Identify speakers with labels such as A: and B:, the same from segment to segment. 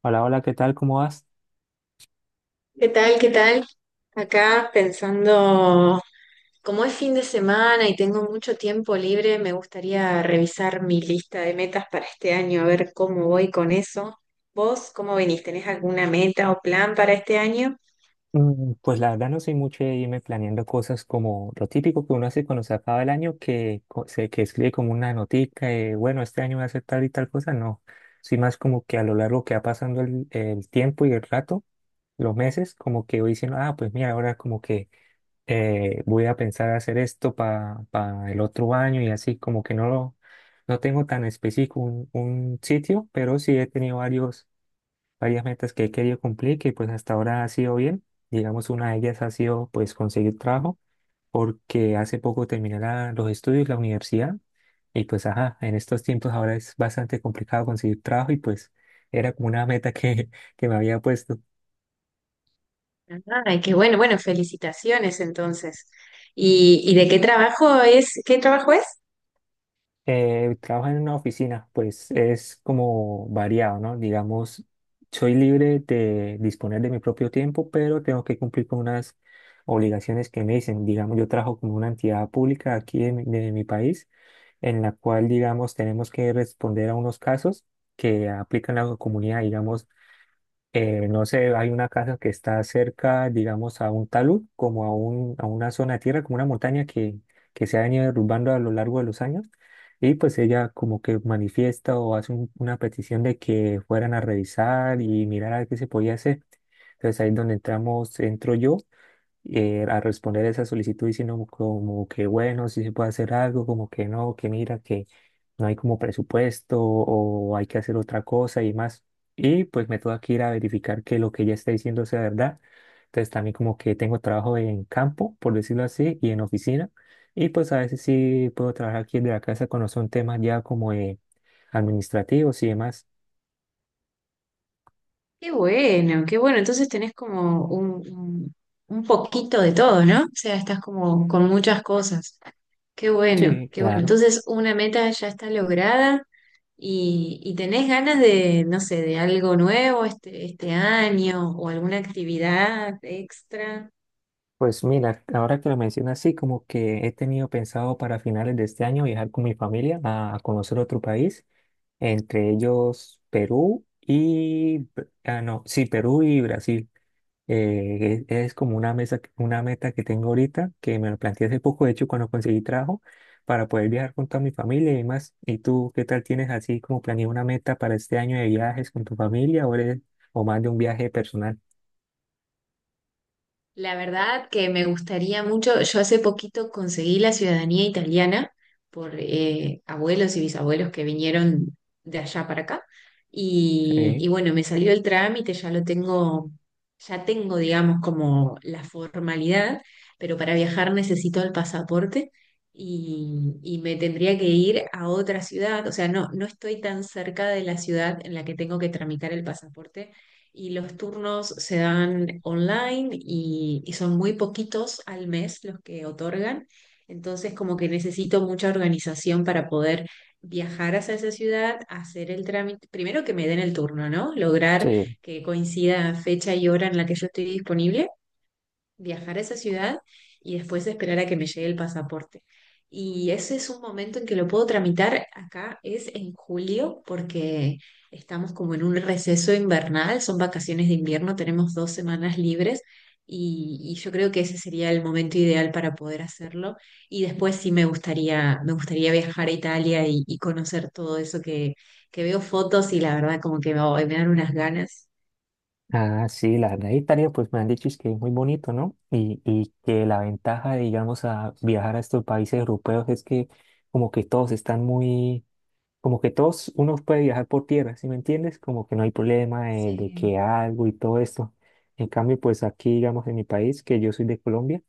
A: Hola, hola, ¿qué tal? ¿Cómo vas?
B: ¿Qué tal? ¿Qué tal? Acá pensando, como es fin de semana y tengo mucho tiempo libre, me gustaría revisar mi lista de metas para este año, a ver cómo voy con eso. ¿Vos cómo venís? ¿Tenés alguna meta o plan para este año?
A: Pues la verdad no soy mucho de irme planeando cosas como lo típico que uno hace cuando se acaba el año, que, que escribe como una notica, de, bueno, este año voy a hacer tal y tal cosa, no. Soy más como que a lo largo que va pasando el tiempo y el rato, los meses, como que voy diciendo, ah, pues mira, ahora como que voy a pensar hacer esto para el otro año y así, como que no lo, no tengo tan específico un sitio, pero sí he tenido varios varias metas que he querido cumplir, que pues hasta ahora ha sido bien. Digamos, una de ellas ha sido pues conseguir trabajo, porque hace poco terminé los estudios, la universidad, y pues ajá, en estos tiempos ahora es bastante complicado conseguir trabajo y pues era como una meta que, que me había puesto.
B: Ay, qué bueno, bueno, felicitaciones entonces. ¿Y de qué trabajo es? ¿Qué trabajo es?
A: Trabajo en una oficina, pues es como variado, ¿no? Digamos, soy libre de disponer de mi propio tiempo, pero tengo que cumplir con unas obligaciones que me dicen. Digamos, yo trabajo como una entidad pública aquí de mi país, en la cual, digamos, tenemos que responder a unos casos que aplican a la comunidad. Digamos, no sé, hay una casa que está cerca, digamos, a un talud, como a una zona de tierra, como una montaña que se ha venido derrumbando a lo largo de los años. Y pues ella como que manifiesta o hace una petición de que fueran a revisar y mirar a ver qué se podía hacer. Entonces ahí es donde entramos, entro yo a responder esa solicitud diciendo como que bueno, si se puede hacer algo, como que no, que mira, que no hay como presupuesto o hay que hacer otra cosa y más. Y pues me tengo que ir a verificar que lo que ella está diciendo sea verdad. Entonces también como que tengo trabajo en campo, por decirlo así, y en oficina. Y pues a veces sí puedo trabajar aquí desde la casa cuando son temas ya como administrativos y demás.
B: Qué bueno, qué bueno. Entonces tenés como un un poquito de todo, ¿no? O sea, estás como con muchas cosas. Qué bueno,
A: Sí,
B: qué bueno.
A: claro.
B: Entonces, una meta ya está lograda y tenés ganas de, no sé, de algo nuevo este año o alguna actividad extra.
A: Pues mira, ahora que lo mencionas así, como que he tenido pensado para finales de este año viajar con mi familia a conocer otro país, entre ellos Perú y, ah, no, sí, Perú y Brasil. Es como una mesa, una meta que tengo ahorita, que me lo planteé hace poco, de hecho, cuando conseguí trabajo, para poder viajar con toda mi familia y demás. ¿Y tú qué tal tienes así como planeado una meta para este año de viajes con tu familia o, o más de un viaje personal?
B: La verdad que me gustaría mucho, yo hace poquito conseguí la ciudadanía italiana por abuelos y bisabuelos que vinieron de allá para acá y,
A: Sí,
B: y bueno, me salió el trámite, ya lo tengo, ya tengo digamos como la formalidad, pero para viajar necesito el pasaporte y me tendría que ir a otra ciudad, o sea, no, no estoy tan cerca de la ciudad en la que tengo que tramitar el pasaporte y los turnos se dan online y son muy poquitos al mes los que otorgan. Entonces, como que necesito mucha organización para poder viajar hacia esa ciudad, hacer el trámite, primero que me den el turno, ¿no? Lograr
A: sí.
B: que coincida fecha y hora en la que yo estoy disponible viajar a esa ciudad y después esperar a que me llegue el pasaporte. Y ese es un momento en que lo puedo tramitar acá, es en julio, porque estamos como en un receso invernal, son vacaciones de invierno, tenemos dos semanas libres y yo creo que ese sería el momento ideal para poder hacerlo. Y después sí me gustaría viajar a Italia y conocer todo eso que veo fotos y la verdad como que me dan unas ganas.
A: Ah, sí, la verdad, Italia, pues me han dicho es que es muy bonito, ¿no? Y que la ventaja, digamos, a viajar a estos países europeos es que como que todos están muy, como que todos, uno puede viajar por tierra, ¿sí me entiendes? Como que no hay problema de
B: Sí.
A: que algo y todo esto. En cambio, pues aquí, digamos, en mi país, que yo soy de Colombia,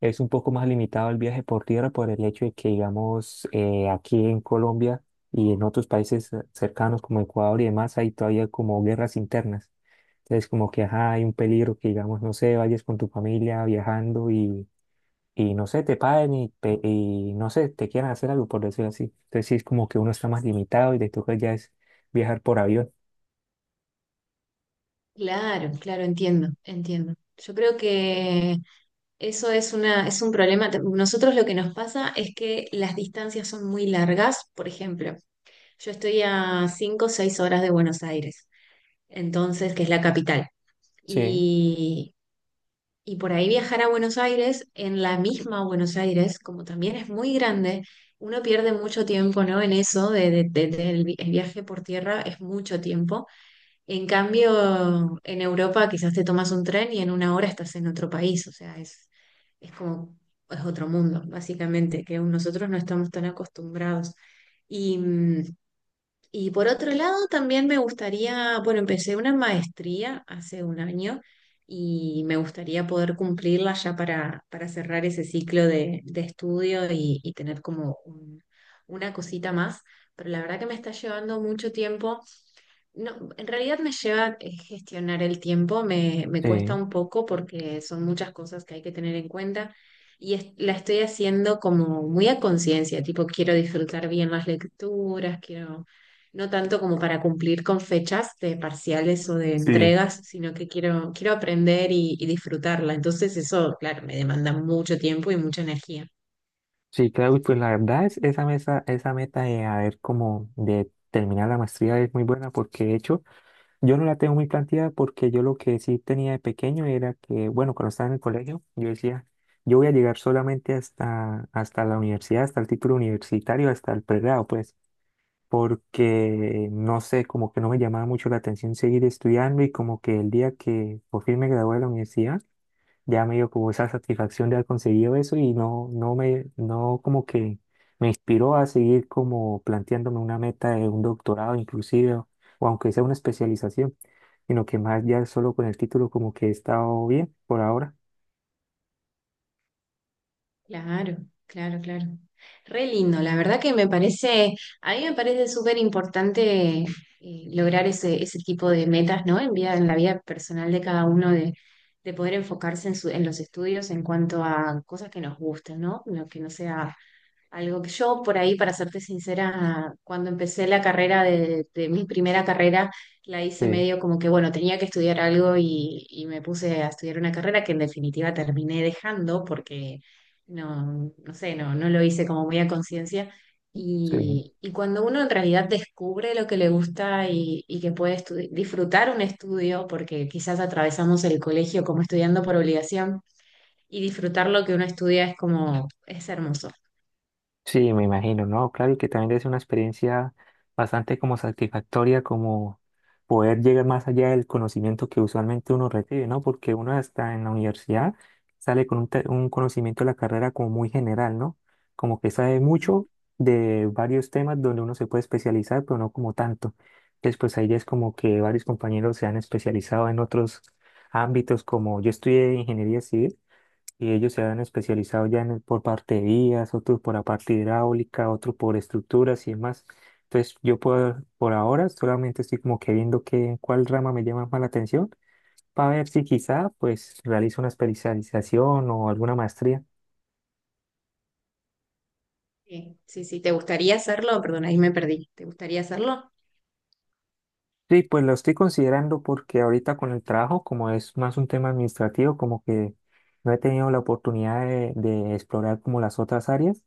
A: es un poco más limitado el viaje por tierra por el hecho de que, digamos, aquí en Colombia y en otros países cercanos como Ecuador y demás, hay todavía como guerras internas. Entonces, como que ajá, hay un peligro que, digamos, no sé, vayas con tu familia viajando y no sé, te paguen y no sé, te quieran hacer algo, por decirlo así. Entonces, sí, es como que uno está más limitado y le toca ya es viajar por avión.
B: Claro, claro, entiendo, entiendo. Yo creo que eso es una, es un problema. Nosotros lo que nos pasa es que las distancias son muy largas. Por ejemplo, yo estoy a 5, o 6 horas de Buenos Aires, entonces, que es la capital.
A: Sí,
B: Y, y por ahí viajar a Buenos Aires, en la misma Buenos Aires, como también es muy grande, uno pierde mucho tiempo, ¿no? En eso de, del el viaje por tierra es mucho tiempo. En cambio, en Europa quizás te tomas un tren y en una hora estás en otro país, o sea, es como, es otro mundo, básicamente, que nosotros no estamos tan acostumbrados. Y, y por otro lado, también me gustaría, bueno, empecé una maestría hace un año y me gustaría poder cumplirla ya para cerrar ese ciclo de estudio y tener como una cosita más, pero la verdad que me está llevando mucho tiempo no, en realidad me lleva gestionar el tiempo, me cuesta
A: Sí,
B: un poco porque son muchas cosas que hay que tener en cuenta y la estoy haciendo como muy a conciencia, tipo quiero disfrutar bien las lecturas, quiero, no tanto como para cumplir con fechas de parciales o de
A: sí,
B: entregas, sino que quiero, quiero aprender y disfrutarla. Entonces eso, claro, me demanda mucho tiempo y mucha energía.
A: sí, Claudio, pues la verdad es esa mesa, esa meta de haber como de terminar la maestría es muy buena porque de hecho Yo no la tengo muy planteada porque yo lo que sí tenía de pequeño era que, bueno, cuando estaba en el colegio, yo decía, yo voy a llegar solamente hasta, hasta la universidad, hasta el título universitario, hasta el pregrado, pues, porque no sé, como que no me llamaba mucho la atención seguir estudiando y como que el día que por fin me gradué de la universidad, ya me dio como esa satisfacción de haber conseguido eso y no como que me inspiró a seguir como planteándome una meta de un doctorado inclusive, o aunque sea una especialización, sino que más ya solo con el título como que he estado bien por ahora.
B: Claro, claro, claro. Re lindo, la verdad que me parece, a mí me parece súper importante lograr ese, ese tipo de metas, ¿no? En vida, en la vida personal de cada uno, de poder enfocarse en, en los estudios en cuanto a cosas que nos gusten, ¿no? Lo que no sea algo que yo por ahí, para serte sincera, cuando empecé la carrera de mi primera carrera, la hice
A: Sí,
B: medio como que, bueno, tenía que estudiar algo y me puse a estudiar una carrera que en definitiva terminé dejando porque no, no sé, no, no lo hice como muy a conciencia.
A: sí.
B: Y cuando uno en realidad descubre lo que le gusta y que puede disfrutar un estudio, porque quizás atravesamos el colegio como estudiando por obligación, y disfrutar lo que uno estudia es como, es hermoso.
A: Sí, me imagino, ¿no? Claro, y que también es una experiencia bastante como satisfactoria, como poder llegar más allá del conocimiento que usualmente uno recibe, ¿no? Porque uno hasta en la universidad sale con un conocimiento de la carrera como muy general, ¿no? Como que sabe mucho de varios temas donde uno se puede especializar, pero no como tanto. Entonces, pues ahí ya es como que varios compañeros se han especializado en otros ámbitos, como yo estudié ingeniería civil. Y ellos se han especializado ya en el por parte de vías, otros por la parte hidráulica, otros por estructuras y demás. Entonces, yo por ahora solamente estoy como que viendo cuál rama me llama más la atención para ver si quizá pues realizo una especialización o alguna maestría.
B: Sí, sí, sí. ¿Te gustaría hacerlo? Perdón, ahí me perdí. ¿Te gustaría hacerlo?
A: Sí, pues lo estoy considerando porque ahorita con el trabajo, como es más un tema administrativo, como que no he tenido la oportunidad de explorar como las otras áreas.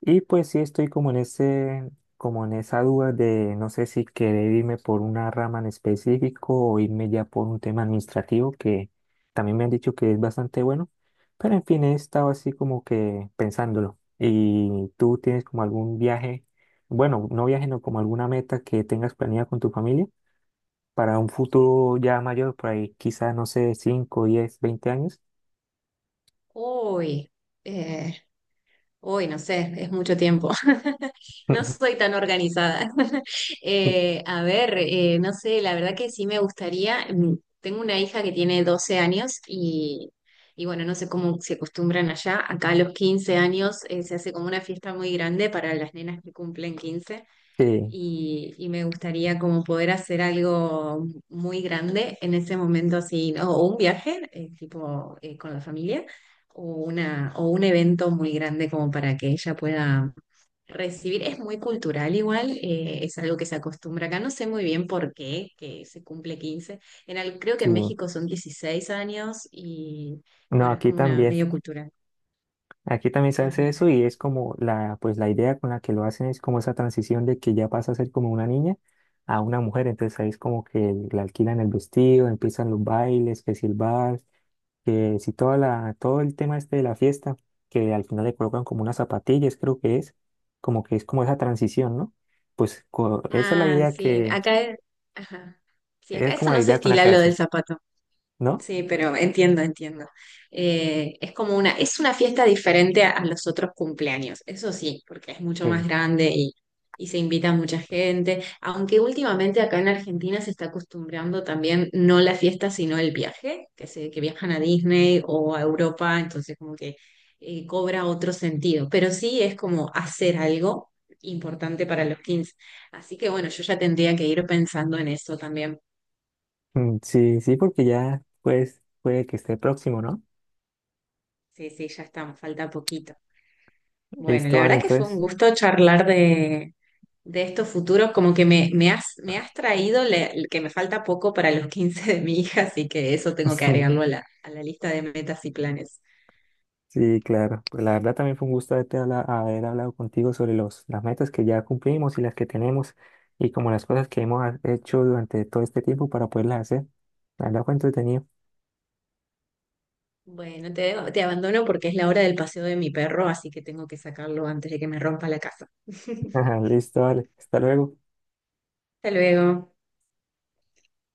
A: Y pues sí estoy como en ese, como en esa duda de no sé si querer irme por una rama en específico o irme ya por un tema administrativo que también me han dicho que es bastante bueno. Pero en fin, he estado así como que pensándolo. ¿Y tú tienes como algún viaje, bueno, no viaje, no como alguna meta que tengas planeada con tu familia para un futuro ya mayor, por ahí quizás, no sé, 5 10 20 años?
B: Uy, eh, uy, no sé, es mucho tiempo. No soy tan organizada. A ver, no sé, la verdad que sí me gustaría. Tengo una hija que tiene 12 años y bueno, no sé cómo se acostumbran allá. Acá a los 15 años se hace como una fiesta muy grande para las nenas que cumplen 15.
A: Sí,
B: Y, y me gustaría como poder hacer algo muy grande en ese momento así, ¿no? O un viaje, tipo con la familia, o una, o un evento muy grande como para que ella pueda recibir. Es muy cultural igual, es algo que se acostumbra acá. No sé muy bien por qué, que se cumple quince. En creo que
A: sí.
B: en México son 16 años y
A: No,
B: bueno, es
A: aquí
B: como una
A: también.
B: medio cultural.
A: Aquí también se hace eso
B: Ajá.
A: y es como pues la idea con la que lo hacen es como esa transición de que ya pasa a ser como una niña a una mujer. Entonces ahí es como que le alquilan el vestido, empiezan los bailes, que si el bar, que si toda la, todo el tema este de la fiesta, que al final le colocan como unas zapatillas, creo que es como esa transición, ¿no? Pues esa es la
B: Ah,
A: idea
B: sí,
A: que,
B: acá, ajá. Sí,
A: es
B: acá eso
A: como la
B: no se
A: idea con la
B: estila
A: que
B: lo
A: hacen,
B: del zapato.
A: ¿no?
B: Sí, pero entiendo, entiendo. Es como una, es una fiesta diferente a los otros cumpleaños, eso sí, porque es mucho más
A: Sí.
B: grande y se invita a mucha gente, aunque últimamente acá en Argentina se está acostumbrando también no la fiesta, sino el viaje, que se, que viajan a Disney o a Europa, entonces como que cobra otro sentido, pero sí es como hacer algo importante para los 15. Así que bueno, yo ya tendría que ir pensando en eso también.
A: Mm, sí, sí, porque ya pues puede que esté próximo, ¿no?
B: Sí, sí, ya estamos, falta poquito. Bueno,
A: Listo,
B: la
A: vale,
B: verdad que fue un
A: entonces.
B: gusto charlar de estos futuros, como que me, me has traído el que me falta poco para los 15 de mi hija, así que eso tengo que agregarlo a la lista de metas y planes.
A: Sí, claro. Pues la verdad también fue un gusto haberte haber hablado contigo sobre las metas que ya cumplimos y las que tenemos y como las cosas que hemos hecho durante todo este tiempo para poderlas hacer. La verdad fue entretenido.
B: Bueno, te abandono porque es la hora del paseo de mi perro, así que tengo que sacarlo antes de que me rompa la casa.
A: Listo, vale. Hasta luego.
B: Hasta luego.